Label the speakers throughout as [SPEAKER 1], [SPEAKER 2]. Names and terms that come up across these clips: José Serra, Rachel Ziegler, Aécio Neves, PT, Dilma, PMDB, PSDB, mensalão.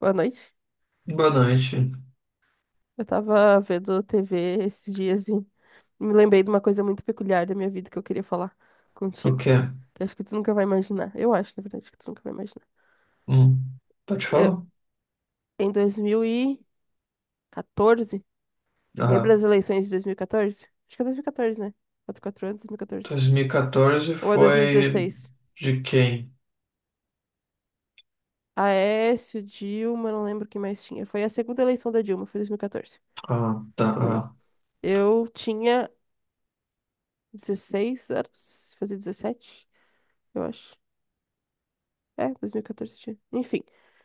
[SPEAKER 1] Boa noite.
[SPEAKER 2] Boa noite.
[SPEAKER 1] Eu tava vendo TV esses dias e me lembrei de uma coisa muito peculiar da minha vida que eu queria falar
[SPEAKER 2] O
[SPEAKER 1] contigo.
[SPEAKER 2] quê?
[SPEAKER 1] Que acho que tu nunca vai imaginar. Eu acho, na verdade, que tu nunca vai imaginar.
[SPEAKER 2] Hum, pode
[SPEAKER 1] Que eu-
[SPEAKER 2] falar?
[SPEAKER 1] Em 2014, lembra
[SPEAKER 2] Ah,
[SPEAKER 1] das eleições de 2014? Acho que é 2014, né? 4 anos, 2014.
[SPEAKER 2] 2014
[SPEAKER 1] Ou é
[SPEAKER 2] foi
[SPEAKER 1] 2016?
[SPEAKER 2] de quem?
[SPEAKER 1] Aécio, Dilma, não lembro quem mais tinha. Foi a segunda eleição da Dilma, foi 2014.
[SPEAKER 2] Ah, tá.
[SPEAKER 1] Segunda.
[SPEAKER 2] Ah,
[SPEAKER 1] Eu tinha 16 anos, fazia 17, eu acho. É, 2014 tinha. Enfim,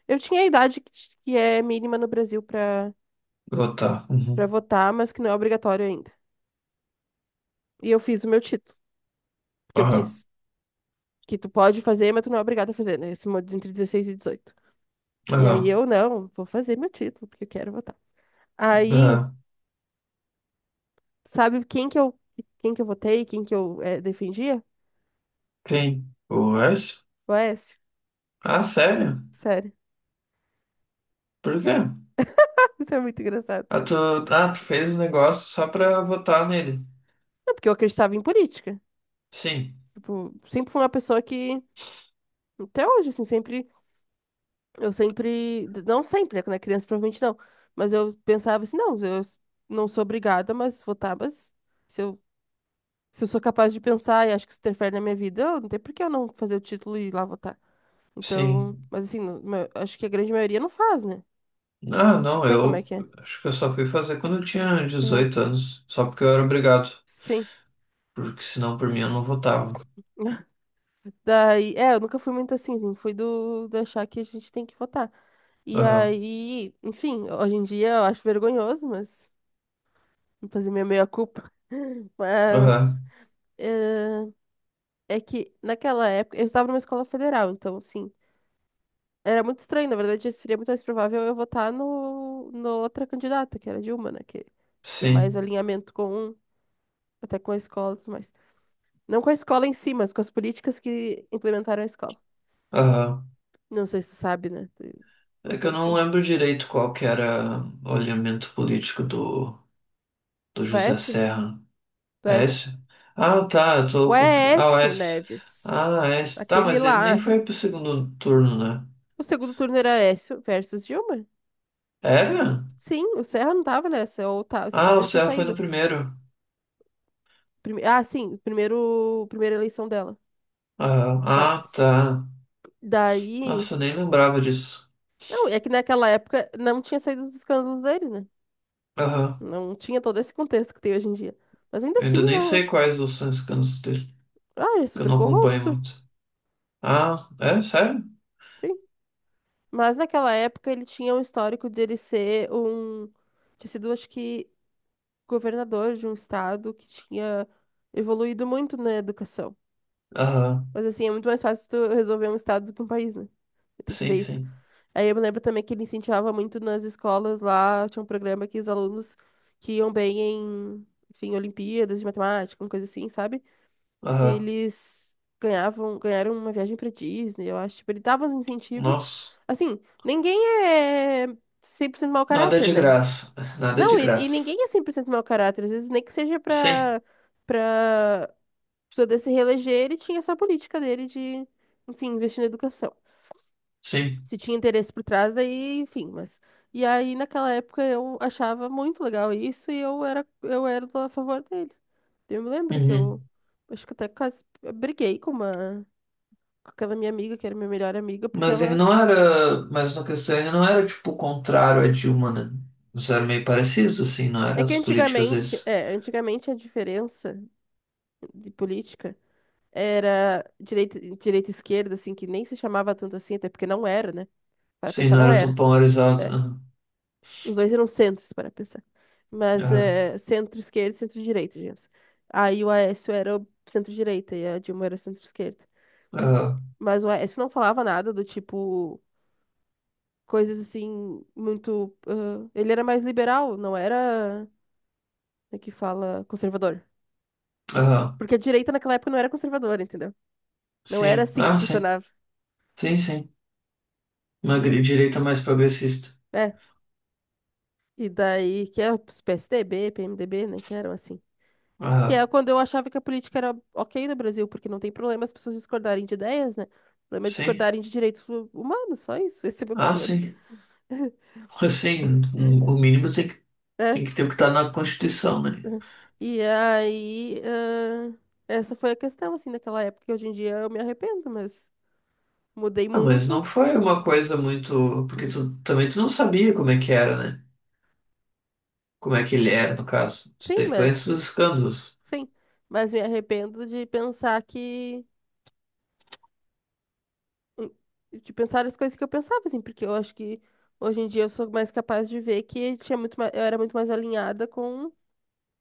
[SPEAKER 1] eu tinha a idade que é mínima no Brasil pra
[SPEAKER 2] oh, tá.
[SPEAKER 1] para
[SPEAKER 2] Uhum.
[SPEAKER 1] votar, mas que não é obrigatório ainda. E eu fiz o meu título, porque eu
[SPEAKER 2] Aham,
[SPEAKER 1] quis. Que tu pode fazer, mas tu não é obrigado a fazer, né? Esse modo entre 16 e 18. E aí
[SPEAKER 2] aham,
[SPEAKER 1] eu não, vou fazer meu título, porque eu quero votar. Aí,
[SPEAKER 2] aham.
[SPEAKER 1] sabe quem que eu votei, quem que eu defendia?
[SPEAKER 2] Quem? O Wes?
[SPEAKER 1] O Aécio.
[SPEAKER 2] Ah, sério?
[SPEAKER 1] Sério.
[SPEAKER 2] Por quê?
[SPEAKER 1] Isso é muito engraçado.
[SPEAKER 2] Ah, tu, ah, tu fez o negócio só pra votar nele.
[SPEAKER 1] Não, porque eu acreditava em política.
[SPEAKER 2] Sim,
[SPEAKER 1] Tipo, sempre fui uma pessoa que, até hoje, assim, sempre. Eu sempre, não sempre, né? Quando é criança, provavelmente não. Mas eu pensava assim, não, eu não sou obrigada, mas votar, mas se eu, se eu sou capaz de pensar e acho que isso interfere na minha vida, eu não tem por que eu não fazer o título e ir lá votar. Então,
[SPEAKER 2] sim.
[SPEAKER 1] mas assim, acho que a grande maioria não faz, né? Não
[SPEAKER 2] Ah, não,
[SPEAKER 1] sei como é
[SPEAKER 2] eu
[SPEAKER 1] que é.
[SPEAKER 2] acho que eu só fui fazer quando eu tinha
[SPEAKER 1] Aham.
[SPEAKER 2] 18 anos. Só porque eu era obrigado.
[SPEAKER 1] Sim.
[SPEAKER 2] Porque senão por mim eu não votava.
[SPEAKER 1] Daí, é, eu nunca fui muito assim, fui do achar que a gente tem que votar. E
[SPEAKER 2] Aham,
[SPEAKER 1] aí, enfim, hoje em dia eu acho vergonhoso, mas vou fazer minha meia-culpa. Mas
[SPEAKER 2] aham,
[SPEAKER 1] eh, é que naquela época eu estava numa escola federal, então assim, era muito estranho. Na verdade, seria muito mais provável eu votar no outra candidata, que era Dilma, né, que tem mais
[SPEAKER 2] sim.
[SPEAKER 1] alinhamento com um, até com a escola e tudo mais. Não com a escola em si, mas com as políticas que implementaram a escola.
[SPEAKER 2] Aham.
[SPEAKER 1] Não sei se tu sabe, né?
[SPEAKER 2] É
[SPEAKER 1] Mais ou
[SPEAKER 2] que eu
[SPEAKER 1] menos,
[SPEAKER 2] não
[SPEAKER 1] né?
[SPEAKER 2] lembro direito qual que era o alinhamento político do
[SPEAKER 1] Do
[SPEAKER 2] José
[SPEAKER 1] Écio?
[SPEAKER 2] Serra.
[SPEAKER 1] Do
[SPEAKER 2] É
[SPEAKER 1] Écio.
[SPEAKER 2] esse? Ah, tá, eu
[SPEAKER 1] O
[SPEAKER 2] tô confundindo. Ah, é
[SPEAKER 1] Écio
[SPEAKER 2] esse. Ah,
[SPEAKER 1] Neves.
[SPEAKER 2] é. Tá,
[SPEAKER 1] Aquele
[SPEAKER 2] mas ele nem
[SPEAKER 1] lá.
[SPEAKER 2] foi pro segundo turno, né?
[SPEAKER 1] O segundo turno era Écio versus Dilma.
[SPEAKER 2] Era?
[SPEAKER 1] Sim, o Serra não tava nessa, ou tá, se
[SPEAKER 2] Ah,
[SPEAKER 1] tava,
[SPEAKER 2] o
[SPEAKER 1] já tinha
[SPEAKER 2] Serra foi no
[SPEAKER 1] saído.
[SPEAKER 2] primeiro.
[SPEAKER 1] Ah, sim, primeiro, primeira eleição dela.
[SPEAKER 2] Aham.
[SPEAKER 1] Tá.
[SPEAKER 2] Ah, tá.
[SPEAKER 1] Daí.
[SPEAKER 2] Nossa, eu nem lembrava disso.
[SPEAKER 1] Não, é que naquela época não tinha saído os escândalos dele, né?
[SPEAKER 2] Aham.
[SPEAKER 1] Não tinha todo esse contexto que tem hoje em dia. Mas ainda
[SPEAKER 2] Eu
[SPEAKER 1] assim,
[SPEAKER 2] ainda nem
[SPEAKER 1] eu.
[SPEAKER 2] sei quais os são os candidatos dele,
[SPEAKER 1] Ah, ele é
[SPEAKER 2] que eu
[SPEAKER 1] super
[SPEAKER 2] não acompanho
[SPEAKER 1] corrupto.
[SPEAKER 2] muito. Ah, é? Sério?
[SPEAKER 1] Sim. Mas naquela época ele tinha um histórico de ele ser um. Tinha sido, acho que, governador de um estado que tinha evoluído muito na educação.
[SPEAKER 2] Aham.
[SPEAKER 1] Mas assim, é muito mais fácil tu resolver um estado do que um país, né? Tem que ver
[SPEAKER 2] Sim,
[SPEAKER 1] isso.
[SPEAKER 2] sim.
[SPEAKER 1] Aí eu me lembro também que ele incentivava muito nas escolas lá, tinha um programa que os alunos que iam bem em, enfim, Olimpíadas de matemática, uma coisa assim, sabe?
[SPEAKER 2] Aham.
[SPEAKER 1] Eles ganhavam, ganharam uma viagem pra Disney, eu acho. Tipo, ele dava os incentivos.
[SPEAKER 2] Nossa.
[SPEAKER 1] Assim, ninguém é 100% mau
[SPEAKER 2] Nada
[SPEAKER 1] caráter,
[SPEAKER 2] de
[SPEAKER 1] né?
[SPEAKER 2] graça, nada de
[SPEAKER 1] Não, e
[SPEAKER 2] graça.
[SPEAKER 1] ninguém é 100% mau caráter. Às vezes, nem que seja
[SPEAKER 2] Sim,
[SPEAKER 1] pra pessoa se reeleger, ele tinha essa política dele de, enfim, investir na educação
[SPEAKER 2] sim.
[SPEAKER 1] se tinha interesse por trás, daí, enfim, mas. E aí, naquela época, eu achava muito legal isso e eu era a favor dele. Eu me lembro que eu,
[SPEAKER 2] Uhum.
[SPEAKER 1] acho que até quase briguei com uma, com aquela minha amiga, que era minha melhor amiga, porque
[SPEAKER 2] Mas ele
[SPEAKER 1] ela.
[SPEAKER 2] não era, mas na questão ele não era tipo contrário a Dilma, né? Eles eram meio parecidos, assim, não
[SPEAKER 1] É
[SPEAKER 2] eram
[SPEAKER 1] que
[SPEAKER 2] as políticas
[SPEAKER 1] antigamente,
[SPEAKER 2] deles.
[SPEAKER 1] é, antigamente a diferença de política era direita e esquerda, assim, que nem se chamava tanto assim, até porque não era, né? Para
[SPEAKER 2] Sim,
[SPEAKER 1] pensar,
[SPEAKER 2] não
[SPEAKER 1] não
[SPEAKER 2] era tão
[SPEAKER 1] era.
[SPEAKER 2] polarizado.
[SPEAKER 1] É.
[SPEAKER 2] Aham,
[SPEAKER 1] Os dois eram centros, para pensar. Mas
[SPEAKER 2] aham,
[SPEAKER 1] é, centro-esquerda e centro-direita, digamos. Aí o Aécio era o centro-direita e a Dilma era centro-esquerda.
[SPEAKER 2] aham,
[SPEAKER 1] Mas o Aécio não falava nada do tipo, coisas assim, muito. Ah, ele era mais liberal, não era, como é que fala, conservador.
[SPEAKER 2] aham.
[SPEAKER 1] Porque a direita naquela época não era conservadora, entendeu? Não era
[SPEAKER 2] Sim,
[SPEAKER 1] assim que
[SPEAKER 2] ah, sim,
[SPEAKER 1] funcionava.
[SPEAKER 2] sim, sim. Uma direita mais progressista.
[SPEAKER 1] É. E daí, que é os PSDB, PMDB, né? Que eram assim. Que
[SPEAKER 2] Aham,
[SPEAKER 1] é quando eu achava que a política era ok no Brasil, porque não tem problema as pessoas discordarem de ideias, né? O problema é
[SPEAKER 2] sim,
[SPEAKER 1] discordarem de direitos humanos, só isso. Esse é o meu
[SPEAKER 2] ah,
[SPEAKER 1] problema.
[SPEAKER 2] sim. Sim, o mínimo tem
[SPEAKER 1] Né?
[SPEAKER 2] que ter o que tá na Constituição, né?
[SPEAKER 1] E aí, essa foi a questão, assim, naquela época. Que hoje em dia eu me arrependo, mas mudei
[SPEAKER 2] Ah, mas não
[SPEAKER 1] muito.
[SPEAKER 2] foi uma coisa muito. Porque tu também tu não sabia como é que era, né? Como é que ele era, no caso. Isso
[SPEAKER 1] Sim,
[SPEAKER 2] daí foi esses
[SPEAKER 1] mas.
[SPEAKER 2] escândalos.
[SPEAKER 1] Sim. Mas me arrependo de pensar que. De pensar as coisas que eu pensava, assim, porque eu acho que hoje em dia eu sou mais capaz de ver que tinha muito mais, eu era muito mais alinhada com.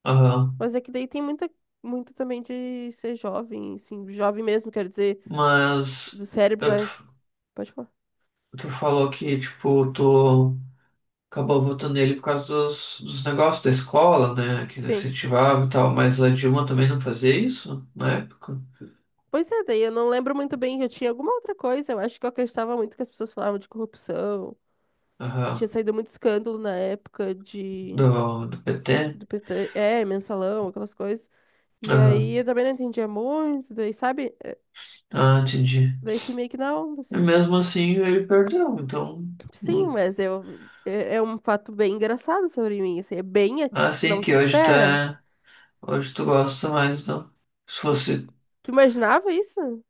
[SPEAKER 2] Aham.
[SPEAKER 1] Mas é que daí tem muita, muito também de ser jovem, assim, jovem mesmo, quer dizer, do
[SPEAKER 2] Mas
[SPEAKER 1] cérebro, tá?
[SPEAKER 2] tu,
[SPEAKER 1] Pode falar.
[SPEAKER 2] tu falou que, tipo, tu acabou votando nele por causa dos negócios da escola, né? Que
[SPEAKER 1] Sim.
[SPEAKER 2] incentivava e tal. Mas a Dilma também não fazia isso na época?
[SPEAKER 1] Pois é, daí eu não lembro muito bem, eu tinha alguma outra coisa, eu acho que eu acreditava muito que as pessoas falavam de corrupção, tinha
[SPEAKER 2] Aham.
[SPEAKER 1] saído muito escândalo na época
[SPEAKER 2] Do PT?
[SPEAKER 1] do PT, é, mensalão, aquelas coisas, e aí
[SPEAKER 2] Aham.
[SPEAKER 1] eu também não entendia muito, daí, sabe,
[SPEAKER 2] Ah, entendi.
[SPEAKER 1] daí fui meio que na onda,
[SPEAKER 2] E
[SPEAKER 1] assim.
[SPEAKER 2] mesmo assim ele perdeu, então.
[SPEAKER 1] Sim,
[SPEAKER 2] não-
[SPEAKER 1] mas eu, é, um fato bem engraçado sobre mim, assim, é bem,
[SPEAKER 2] Assim
[SPEAKER 1] não se
[SPEAKER 2] que hoje
[SPEAKER 1] espera.
[SPEAKER 2] tá. Hoje tu gosta mais, não. Se
[SPEAKER 1] Se-
[SPEAKER 2] fosse.
[SPEAKER 1] Tu imaginava isso?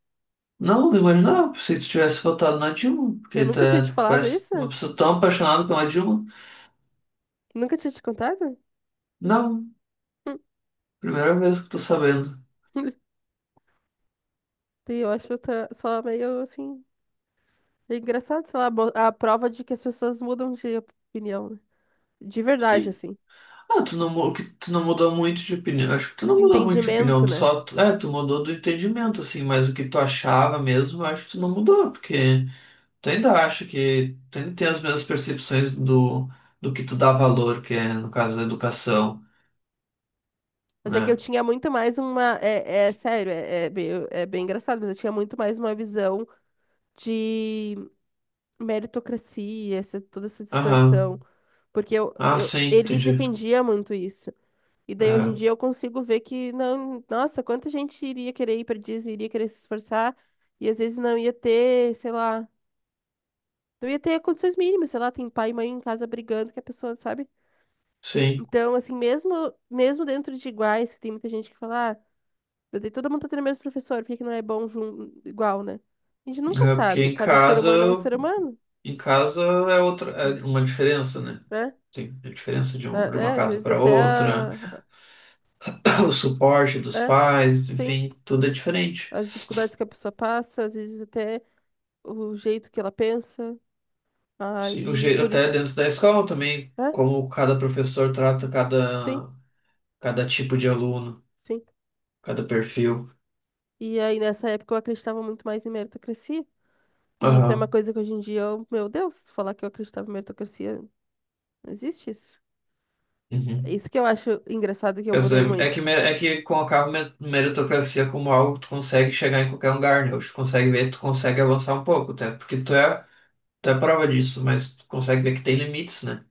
[SPEAKER 2] Não, não imaginava. Pensei que tu tivesse votado na Dilma,
[SPEAKER 1] Eu
[SPEAKER 2] porque
[SPEAKER 1] nunca tinha te
[SPEAKER 2] tu
[SPEAKER 1] falado
[SPEAKER 2] parece
[SPEAKER 1] isso?
[SPEAKER 2] uma pessoa tão apaixonada pela Dilma.
[SPEAKER 1] Nunca tinha te contado?
[SPEAKER 2] Não, primeira vez que tô sabendo.
[SPEAKER 1] E eu acho só meio assim. É engraçado, sei lá, a prova de que as pessoas mudam de opinião, né? De verdade,
[SPEAKER 2] Sim.
[SPEAKER 1] assim.
[SPEAKER 2] Ah, tu não, que tu não mudou muito de opinião. Acho que tu não
[SPEAKER 1] De
[SPEAKER 2] mudou muito de opinião.
[SPEAKER 1] entendimento, né?
[SPEAKER 2] É, tu mudou do entendimento, assim, mas o que tu achava mesmo, eu acho que tu não mudou, porque tu ainda acha que. Tu ainda tem as mesmas percepções do que tu dá valor, que é, no caso, a educação,
[SPEAKER 1] Mas é que eu
[SPEAKER 2] né?
[SPEAKER 1] tinha muito mais uma. É sério, é bem, engraçado, mas eu tinha muito mais uma visão de meritocracia, essa, toda essa distorção.
[SPEAKER 2] Aham.
[SPEAKER 1] Porque
[SPEAKER 2] Ah, sim,
[SPEAKER 1] ele
[SPEAKER 2] entendi.
[SPEAKER 1] defendia muito isso. E daí hoje em
[SPEAKER 2] Aham.
[SPEAKER 1] dia eu consigo ver que não, nossa, quanta gente iria querer ir para Disney, iria querer se esforçar e às vezes não ia ter, sei lá, não ia ter condições mínimas, sei lá, tem pai e mãe em casa brigando que a pessoa, sabe?
[SPEAKER 2] Sim,
[SPEAKER 1] Então, assim, mesmo dentro de iguais, que tem muita gente que fala, ah, todo mundo tá tendo o mesmo professor, por que que não é bom igual, né? A gente nunca
[SPEAKER 2] é porque
[SPEAKER 1] sabe, cada ser humano é um ser humano,
[SPEAKER 2] em casa é outra, é uma diferença, né?
[SPEAKER 1] né?
[SPEAKER 2] Tem a diferença de uma
[SPEAKER 1] Às
[SPEAKER 2] casa
[SPEAKER 1] vezes
[SPEAKER 2] para
[SPEAKER 1] até
[SPEAKER 2] outra, o suporte dos
[SPEAKER 1] é,
[SPEAKER 2] pais,
[SPEAKER 1] sim,
[SPEAKER 2] enfim, tudo é diferente.
[SPEAKER 1] as dificuldades que a pessoa passa, às vezes até o jeito que ela pensa.
[SPEAKER 2] Sim, o
[SPEAKER 1] Aí
[SPEAKER 2] jeito
[SPEAKER 1] por
[SPEAKER 2] até
[SPEAKER 1] isso.
[SPEAKER 2] dentro da escola também,
[SPEAKER 1] É?
[SPEAKER 2] como cada professor trata
[SPEAKER 1] Sim,
[SPEAKER 2] cada, cada tipo de aluno,
[SPEAKER 1] sim.
[SPEAKER 2] cada perfil.
[SPEAKER 1] E aí nessa época eu acreditava muito mais em meritocracia. E isso é uma
[SPEAKER 2] Aham.
[SPEAKER 1] coisa que hoje em dia, eu, meu Deus, falar que eu acreditava em meritocracia, não existe isso. É
[SPEAKER 2] Uhum.
[SPEAKER 1] isso que eu acho engraçado, que eu
[SPEAKER 2] Quer
[SPEAKER 1] mudei
[SPEAKER 2] dizer, é que,
[SPEAKER 1] muito.
[SPEAKER 2] é que colocava meritocracia como algo que tu consegue chegar em qualquer lugar, né? Hoje tu consegue ver, tu consegue avançar um pouco, até porque tu é. Tu é prova disso, mas tu consegue ver que tem limites, né?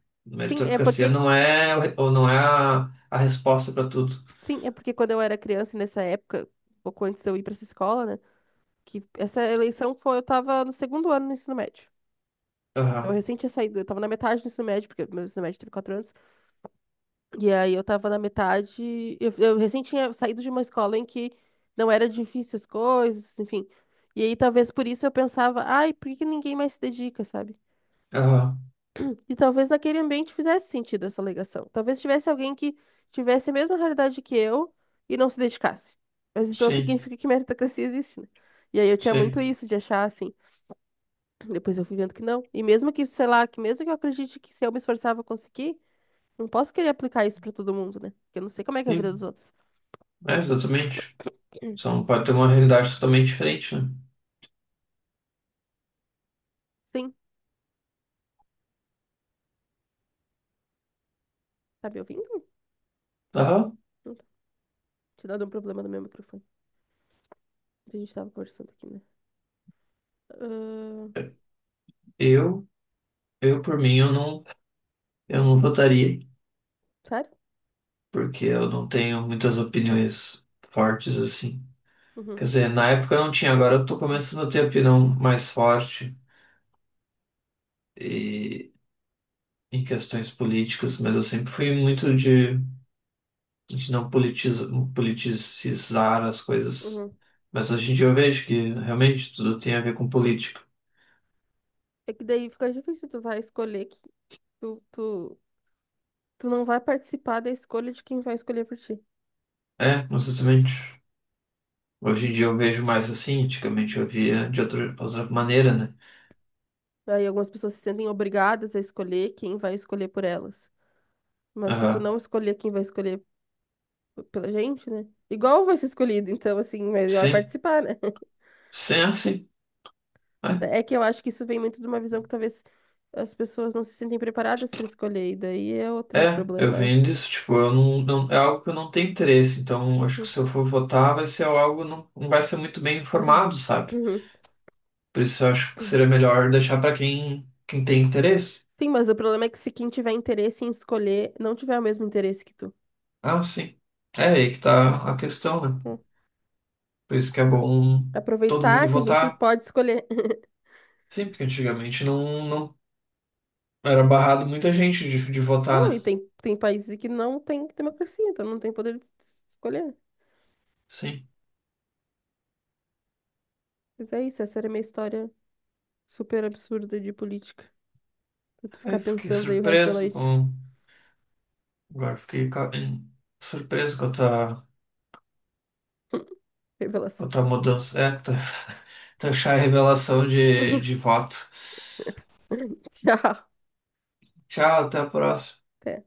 [SPEAKER 1] Sim, é
[SPEAKER 2] Meritocracia
[SPEAKER 1] porque,
[SPEAKER 2] não é, o ou não é a resposta para tudo.
[SPEAKER 1] sim, é porque quando eu era criança e nessa época, um pouco antes de eu ir para essa escola, né, que essa eleição foi, eu tava no segundo ano do ensino médio. Então, eu
[SPEAKER 2] Aham,
[SPEAKER 1] recente tinha saído, eu tava na metade do ensino médio, porque meu ensino médio teve 4 anos. E aí eu tava na metade. Eu recém tinha saído de uma escola em que não era difícil as coisas, enfim. E aí talvez por isso eu pensava, ai, por que que ninguém mais se dedica, sabe?
[SPEAKER 2] aham,
[SPEAKER 1] E talvez naquele ambiente fizesse sentido essa alegação. Talvez tivesse alguém que tivesse a mesma realidade que eu e não se dedicasse. Mas isso não
[SPEAKER 2] sim,
[SPEAKER 1] significa que meritocracia existe, né? E aí eu tinha muito
[SPEAKER 2] sim,
[SPEAKER 1] isso de achar assim. Depois eu fui vendo que não. E mesmo que, sei lá, que mesmo que eu acredite que se eu me esforçar eu vou conseguir, não posso querer aplicar isso pra todo mundo, né? Porque eu não sei como é que é a vida dos
[SPEAKER 2] sim,
[SPEAKER 1] outros.
[SPEAKER 2] é, exatamente. São, pode ter uma realidade totalmente diferente, né?
[SPEAKER 1] Sim, tá me ouvindo?
[SPEAKER 2] Aham,
[SPEAKER 1] Não tá. Tinha dado um problema no meu microfone. A gente tava conversando aqui, né? Ahn,
[SPEAKER 2] eu, eu por mim, eu não votaria,
[SPEAKER 1] sério?
[SPEAKER 2] porque eu não tenho muitas opiniões fortes assim.
[SPEAKER 1] Uhum,
[SPEAKER 2] Quer dizer, na época eu não tinha, agora eu tô começando a ter opinião mais forte e, em questões políticas, mas eu sempre fui muito de a gente não politiza, politizar as coisas.
[SPEAKER 1] uhum.
[SPEAKER 2] Mas hoje em dia eu vejo que realmente tudo tem a ver com política.
[SPEAKER 1] É que daí fica difícil, tu vai escolher que tu, tu, tu não vai participar da escolha de quem vai escolher por ti.
[SPEAKER 2] É, exatamente. Hoje em dia eu vejo mais assim, antigamente eu via de outra, outra maneira, né?
[SPEAKER 1] Aí algumas pessoas se sentem obrigadas a escolher quem vai escolher por elas. Mas se tu
[SPEAKER 2] Aham.
[SPEAKER 1] não escolher quem vai escolher pela gente, né? Igual vai ser escolhido, então assim, melhor
[SPEAKER 2] Sim,
[SPEAKER 1] participar, né?
[SPEAKER 2] sim, é assim. É,
[SPEAKER 1] É que eu acho que isso vem muito de uma visão que talvez as pessoas não se sentem preparadas para escolher, e daí é outro
[SPEAKER 2] eu
[SPEAKER 1] problema, né?
[SPEAKER 2] venho disso, tipo, eu não, não- é algo que eu não tenho interesse, então acho que
[SPEAKER 1] Uhum,
[SPEAKER 2] se eu for votar vai ser algo, não vai ser muito bem
[SPEAKER 1] uhum,
[SPEAKER 2] informado, sabe?
[SPEAKER 1] uhum,
[SPEAKER 2] Por isso eu acho que
[SPEAKER 1] uhum.
[SPEAKER 2] seria melhor deixar para quem, quem tem interesse.
[SPEAKER 1] Sim, mas o problema é que se quem tiver interesse em escolher não tiver o mesmo interesse que tu.
[SPEAKER 2] Ah, sim. É aí que tá a questão, né?
[SPEAKER 1] Hum.
[SPEAKER 2] Por isso que é bom todo
[SPEAKER 1] Aproveitar
[SPEAKER 2] mundo
[SPEAKER 1] que a gente
[SPEAKER 2] votar.
[SPEAKER 1] pode escolher.
[SPEAKER 2] Sim, porque antigamente não era barrado muita gente de votar,
[SPEAKER 1] Não,
[SPEAKER 2] né?
[SPEAKER 1] e tem países que não tem democracia, então não tem poder de escolher.
[SPEAKER 2] Sim.
[SPEAKER 1] Mas é isso, essa era a minha história super absurda de política. Pra tu
[SPEAKER 2] Aí
[SPEAKER 1] ficar
[SPEAKER 2] eu fiquei
[SPEAKER 1] pensando aí o resto da
[SPEAKER 2] surpreso
[SPEAKER 1] noite.
[SPEAKER 2] com. Agora eu fiquei surpreso com a
[SPEAKER 1] Revelação.
[SPEAKER 2] tua mudança. É, tu, tu achar a revelação de voto.
[SPEAKER 1] Tchau.
[SPEAKER 2] Tchau, até a próxima.
[SPEAKER 1] Até.